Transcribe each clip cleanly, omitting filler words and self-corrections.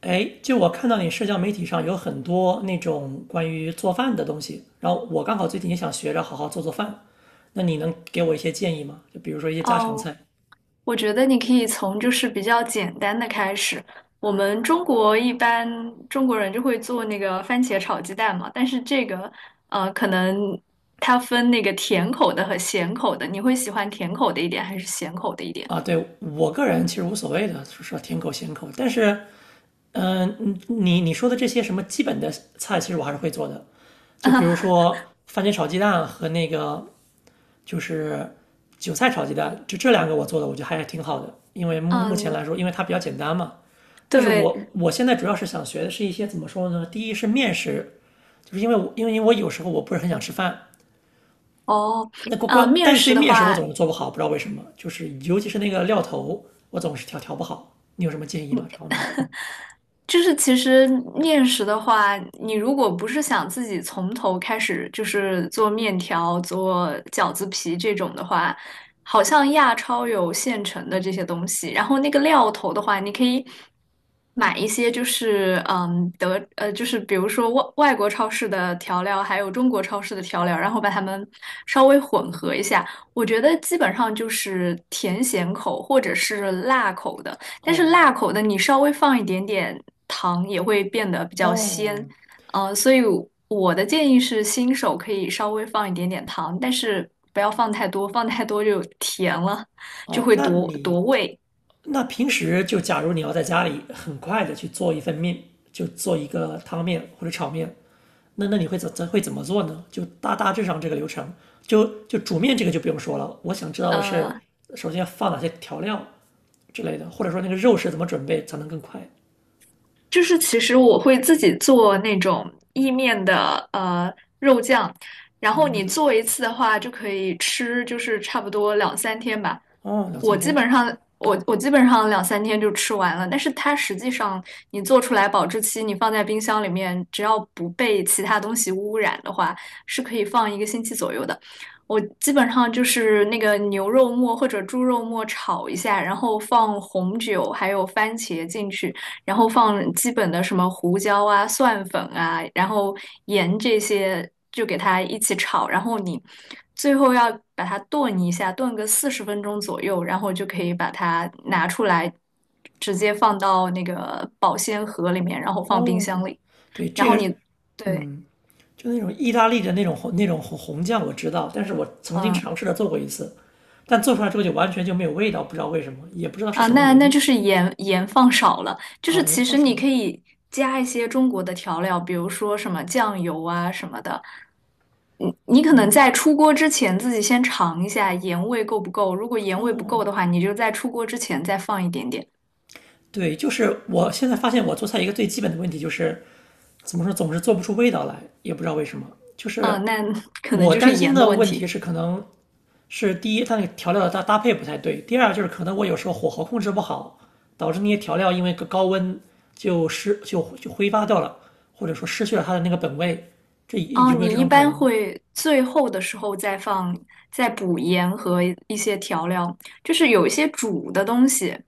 哎，就我看到你社交媒体上有很多那种关于做饭的东西，然后我刚好最近也想学着好好做做饭，那你能给我一些建议吗？就比如说一些家常哦，菜我觉得你可以从就是比较简单的开始。我们中国一般中国人就会做那个番茄炒鸡蛋嘛，但是这个可能它分那个甜口的和咸口的，你会喜欢甜口的一点还是咸口的一点？啊，对，我个人其实无所谓的，说甜口咸口，但是，你说的这些什么基本的菜，其实我还是会做的，就比如 说番茄炒鸡蛋和那个就是韭菜炒鸡蛋，就这两个我做的，我觉得还是挺好的，因为目前嗯，来说，因为它比较简单嘛。但是对，我现在主要是想学的是一些怎么说呢？第一是面食，就是因为我有时候我不是很想吃饭，哦，那关关，面但是对食的面食我总话，是做不好，不知道为什么，就是尤其是那个料头，我总是调不好。你有什么建议吗？这方面的？就是其实面食的话，你如果不是想自己从头开始，就是做面条、做饺子皮这种的话，好像亚超有现成的这些东西。然后那个料头的话，你可以买一些，就是嗯德呃，就是比如说外国超市的调料，还有中国超市的调料，然后把它们稍微混合一下。我觉得基本上就是甜咸口或者是辣口的。但是哦辣口的你稍微放一点点糖也会变得比较鲜，哦所以我的建议是新手可以稍微放一点点糖，但是不要放太多，放太多就甜了，就哦，会夺夺味。那平时就假如你要在家里很快的去做一份面，就做一个汤面或者炒面，那你会怎么做呢？就大致上这个流程，就煮面这个就不用说了。我想知道的是，呃，首先要放哪些调料之类的，或者说那个肉是怎么准备才能更快。就是其实我会自己做那种意面的肉酱，然哦，后那么你就做一次的话就可以吃，就是差不多两三天吧。哦两我三基天本上我基本上两三天就吃完了，但是它实际上你做出来保质期，你放在冰箱里面，只要不被其他东西污染的话，是可以放一个星期左右的。我基本上就是那个牛肉末或者猪肉末炒一下，然后放红酒还有番茄进去。然后放基本的什么胡椒啊、蒜粉啊，然后盐这些就给它一起炒，然后你最后要把它炖一下，炖个四十分钟左右，然后就可以把它拿出来，直接放到那个保鲜盒里面，然后放冰箱哦，里。对然这后个你，对，就那种意大利的那种红酱我知道，但是我曾经嗯，尝试着做过一次，但做出来之后就完全就没有味道，不知道为什么，也不知道是啊，什么那原那因就是盐放少了，就啊，是盐其放实少你了可以加一些中国的调料，比如说什么酱油啊什么的。你可能在出锅之前自己先尝一下盐味够不够，如果盐味不够哦。的话，你就在出锅之前再放一点点。对，就是我现在发现我做菜一个最基本的问题就是，怎么说总是做不出味道来，也不知道为什么。就是嗯，那 可能我就是担心盐的的问问题题。是，可能是第一，它那个调料的搭配不太对；第二，就是可能我有时候火候控制不好，导致那些调料因为个高温就失就就挥发掉了，或者说失去了它的那个本味。这哦，有没有你这一种可般能呢？会最后的时候再放，再补盐和一些调料，就是有一些煮的东西。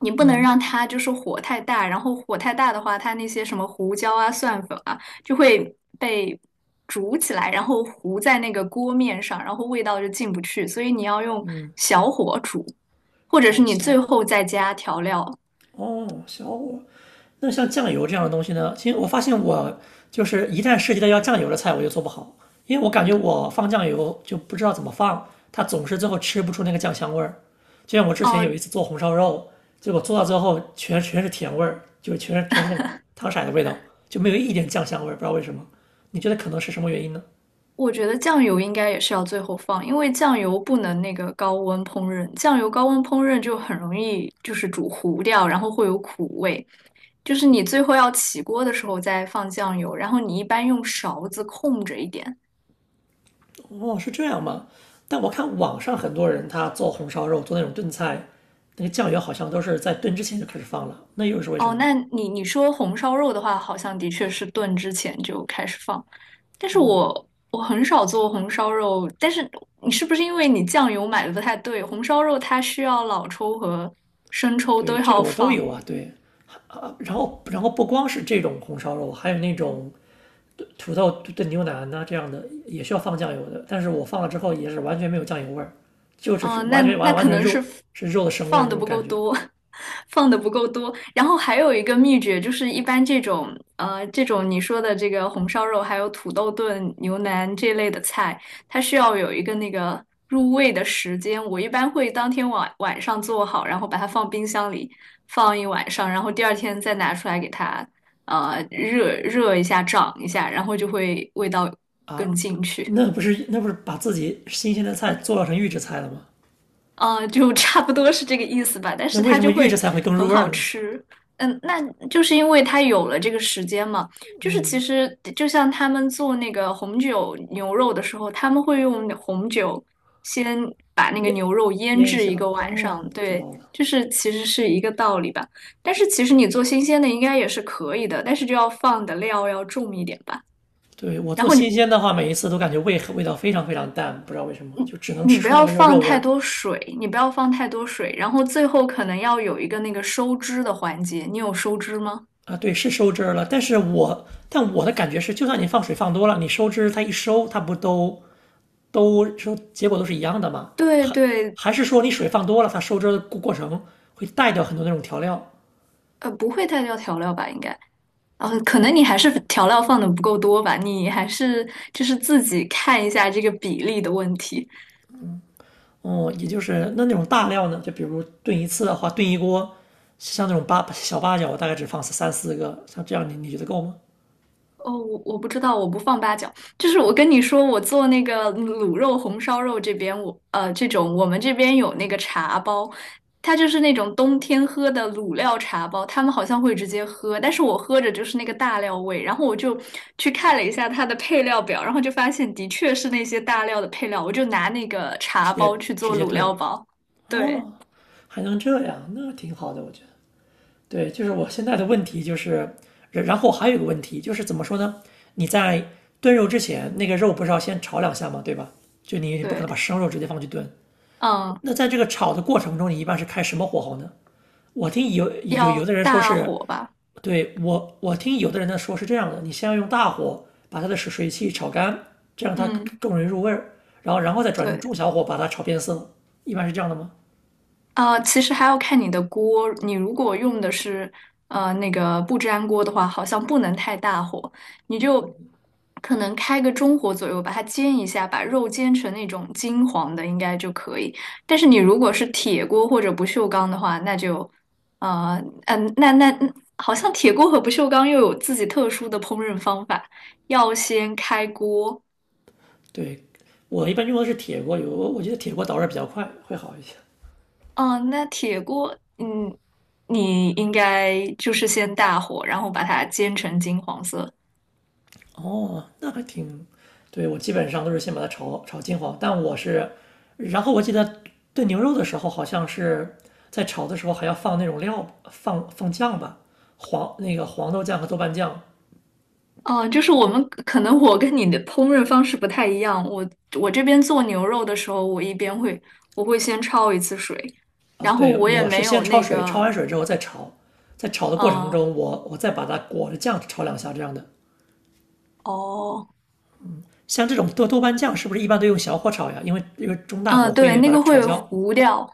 你不能让嗯它就是火太大，然后火太大的话，它那些什么胡椒啊、蒜粉啊，就会被煮起来，然后糊在那个锅面上，然后味道就进不去，所以你要用嗯，小火煮，或者是哦，你最行。后再加调料。哦，小火。那像酱油这样的东西呢？其实我发现我就是一旦涉及到要酱油的菜，我就做不好，因为我感觉我放酱油就不知道怎么放，它总是最后吃不出那个酱香味儿。就像我之前有哦、一次做红烧肉，结果做到最后全是甜味儿，就全是那个汤色的味道，就没有一点酱香味儿，不知道为什么。你觉得可能是什么原因呢？我觉得酱油应该也是要最后放，因为酱油不能那个高温烹饪，酱油高温烹饪就很容易就是煮糊掉，然后会有苦味。就是你最后要起锅的时候再放酱油，然后你一般用勺子控着一点。哦，是这样吗？但我看网上很多人他做红烧肉，做那种炖菜，那个酱油好像都是在炖之前就开始放了，那又是为什哦，么呢？那你你说红烧肉的话，好像的确是炖之前就开始放，但是我很少做红烧肉，但是你是不是因为你酱油买的不太对？红烧肉它需要老抽和生抽对，都这个要我都放，有啊，对啊，然后不光是这种红烧肉，还有那种土豆炖牛腩呐、这样的也需要放酱油的，但是我放了之后也是完全没有酱油味儿，就只是哦，那完全那完完可全是能是 肉 f- 是肉的生味儿放那的种不感够觉多，放的不够多。然后还有一个秘诀，就是一般这种你说的这个红烧肉，还有土豆炖牛腩这类的菜，它需要有一个那个入味的时间。我一般会当天晚上做好，然后把它放冰箱里放一晚上，然后第二天再拿出来给它热一下，涨一下，然后就会味道更啊，进去。那不是把自己新鲜的菜做成预制菜了吗？啊，就差不多是这个意思吧，但那是为它什么就预制会菜会更入很味儿好呢？吃。嗯，那就是因为它有了这个时间嘛，就是其实就像他们做那个红酒牛肉的时候，他们会用红酒先把那个腌牛肉腌腌一制一下。个晚上，哦，知对，道了。就是其实是一个道理吧。但是其实你做新鲜的应该也是可以的，但是就要放的料要重一点吧。对，我然做后你新鲜的话，每一次都感觉味道非常非常淡，不知道为什么，就只能你吃不出那要个肉放肉味太儿多水，你不要放太多水，然后最后可能要有一个那个收汁的环节。你有收汁吗？啊。对，是收汁儿了，但是但我的感觉是，就算你放水放多了，你收汁它一收，它不都收结果都是一样的吗？对还对，还是说你水放多了，它收汁儿的过程会带掉很多那种调料？不会太掉调料吧？应该，可能你还是调料放的不够多吧，你还是就是自己看一下这个比例的问题。哦、也就是那种大料呢，就比如炖一次的话，炖一锅，像那种八角，我大概只放三四个，像这样你觉得够吗？哦，我不知道，我不放八角。就是我跟你说，我做那个卤肉、红烧肉这边，我这种我们这边有那个茶包，它就是那种冬天喝的卤料茶包，他们好像会直接喝，但是我喝着就是那个大料味。然后我就去看了一下它的配料表，然后就发现的确是那些大料的配料，我就拿那个茶直接包去直做接卤炖。料包。对哦，还能这样，那挺好的，我觉得。对，就是我现在的问题就是，然后还有一个问题就是怎么说呢？你在炖肉之前，那个肉不是要先炒两下吗？对吧？就你不可对，能把生肉直接放去炖。嗯，那在这个炒的过程中，你一般是开什么火候呢？我听有要的人说大是，火吧，对我听有的人呢说是这样的，你先要用大火把它的水汽炒干，这样它嗯。更容易入味儿，然后再转成对。中小火把它炒变色，一般是这样的吗？其实还要看你的锅。你如果用的是那个不粘锅的话，好像不能太大火，你就可能开个中火左右，把它煎一下，把肉煎成那种金黄的，应该就可以。但是你如果是铁锅或者不锈钢的话，那就呃嗯、那那那好像铁锅和不锈钢又有自己特殊的烹饪方法，要先开锅，对，我一般用的是铁锅有我觉得铁锅导热比较快，会好一些。哦，那铁锅，嗯，你应该就是先大火，然后把它煎成金黄色。哦，那还挺，对，我基本上都是先把它炒金黄，但我是，然后我记得炖牛肉的时候，好像是在炒的时候还要放那种料，放酱吧，黄那个黄豆酱和豆瓣酱哦，就是我们可能我跟你的烹饪方式不太一样，我我这边做牛肉的时候，我会先焯一次水，啊。然后对，我也我是没先有焯那水，焯个，完水之后再炒，在炒的过程嗯，中，我再把它裹着酱炒两下这样的。哦，像这种豆瓣酱是不是一般都用小火炒呀？因为中大火嗯，对，会那把它个炒会焦。糊掉，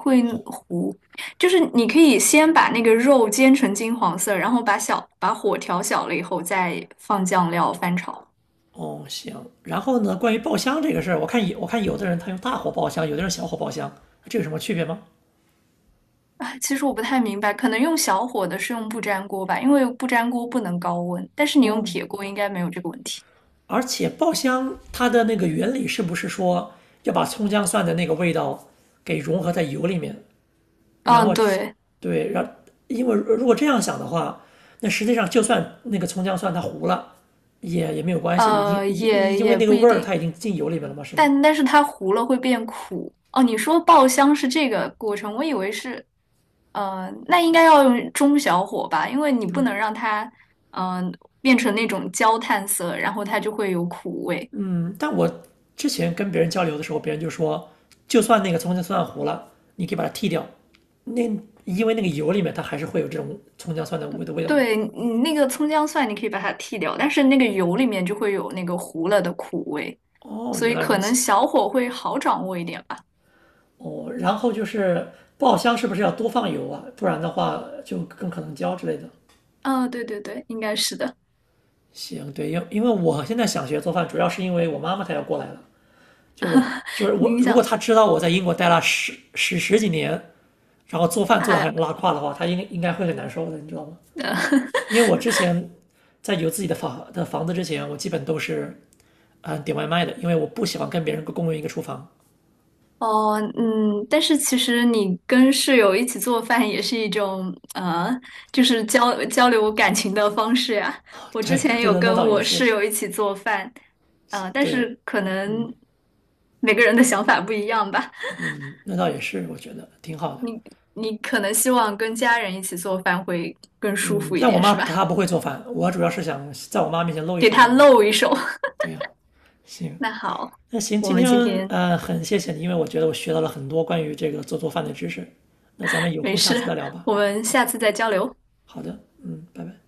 会糊，就是你可以先把那个肉煎成金黄色，然后把火调小了以后再放酱料翻炒。哦，行。然后呢，关于爆香这个事儿，我看有的人他用大火爆香，有的人小火爆香，这有什么区别吗？啊，其实我不太明白，可能用小火的是用不粘锅吧，因为不粘锅不能高温，但是你用哦，铁锅应该没有这个问题。而且爆香它的那个原理是不是说要把葱姜蒜的那个味道给融合在油里面，然后嗯，对，对，因为如果这样想的话，那实际上就算那个葱姜蒜它糊了，也没有关系，因因也因为也那不个味一儿定，它已经进油里面了嘛，是吗？但但是它糊了会变苦。哦，你说爆香是这个过程，我以为是，那应该要用中小火吧，因为你不能让它，嗯、变成那种焦炭色，然后它就会有苦味。但我之前跟别人交流的时候，别人就说，就算那个葱姜蒜糊了，你可以把它剔掉，那因为那个油里面它还是会有这种葱姜蒜的味道的。对你那个葱姜蒜，你可以把它剔掉，但是那个油里面就会有那个糊了的苦味，哦，所原以来如可能此。小火会好掌握一点吧。哦，然后就是爆香是不是要多放油啊？不然的话就更可能焦之类的。嗯、对对对，应该是的。行，对，因为我现在想学做饭，主要是因为我妈妈她要过来了，就我就是我，你如果想，她知道我在英国待了十几年，然后做饭做的哎，很拉胯的话，她应该会很难受的，你知道吗？因为我之前在有自己的房子之前，我基本都是点外卖的，因为我不喜欢跟别人共用一个厨房。哦，嗯，但是其实你跟室友一起做饭也是一种，就是交流感情的方式呀。啊我之对，前那有那那跟倒也我室是，友一起做饭，但对，是可能每个人的想法不一样吧。嗯，那倒也是，我觉得挺好的。你你可能希望跟家人一起做饭会更舒嗯，服一但我点，妈是吧？她不会做饭，我主要是想在我妈面前露一给手这他样。露一手。对呀、行，那好，那行，我今们天今天很谢谢你，因为我觉得我学到了很多关于这个做饭的知识。那咱们有没空下次事，再聊吧。我们下次再交流。好的，嗯，拜拜。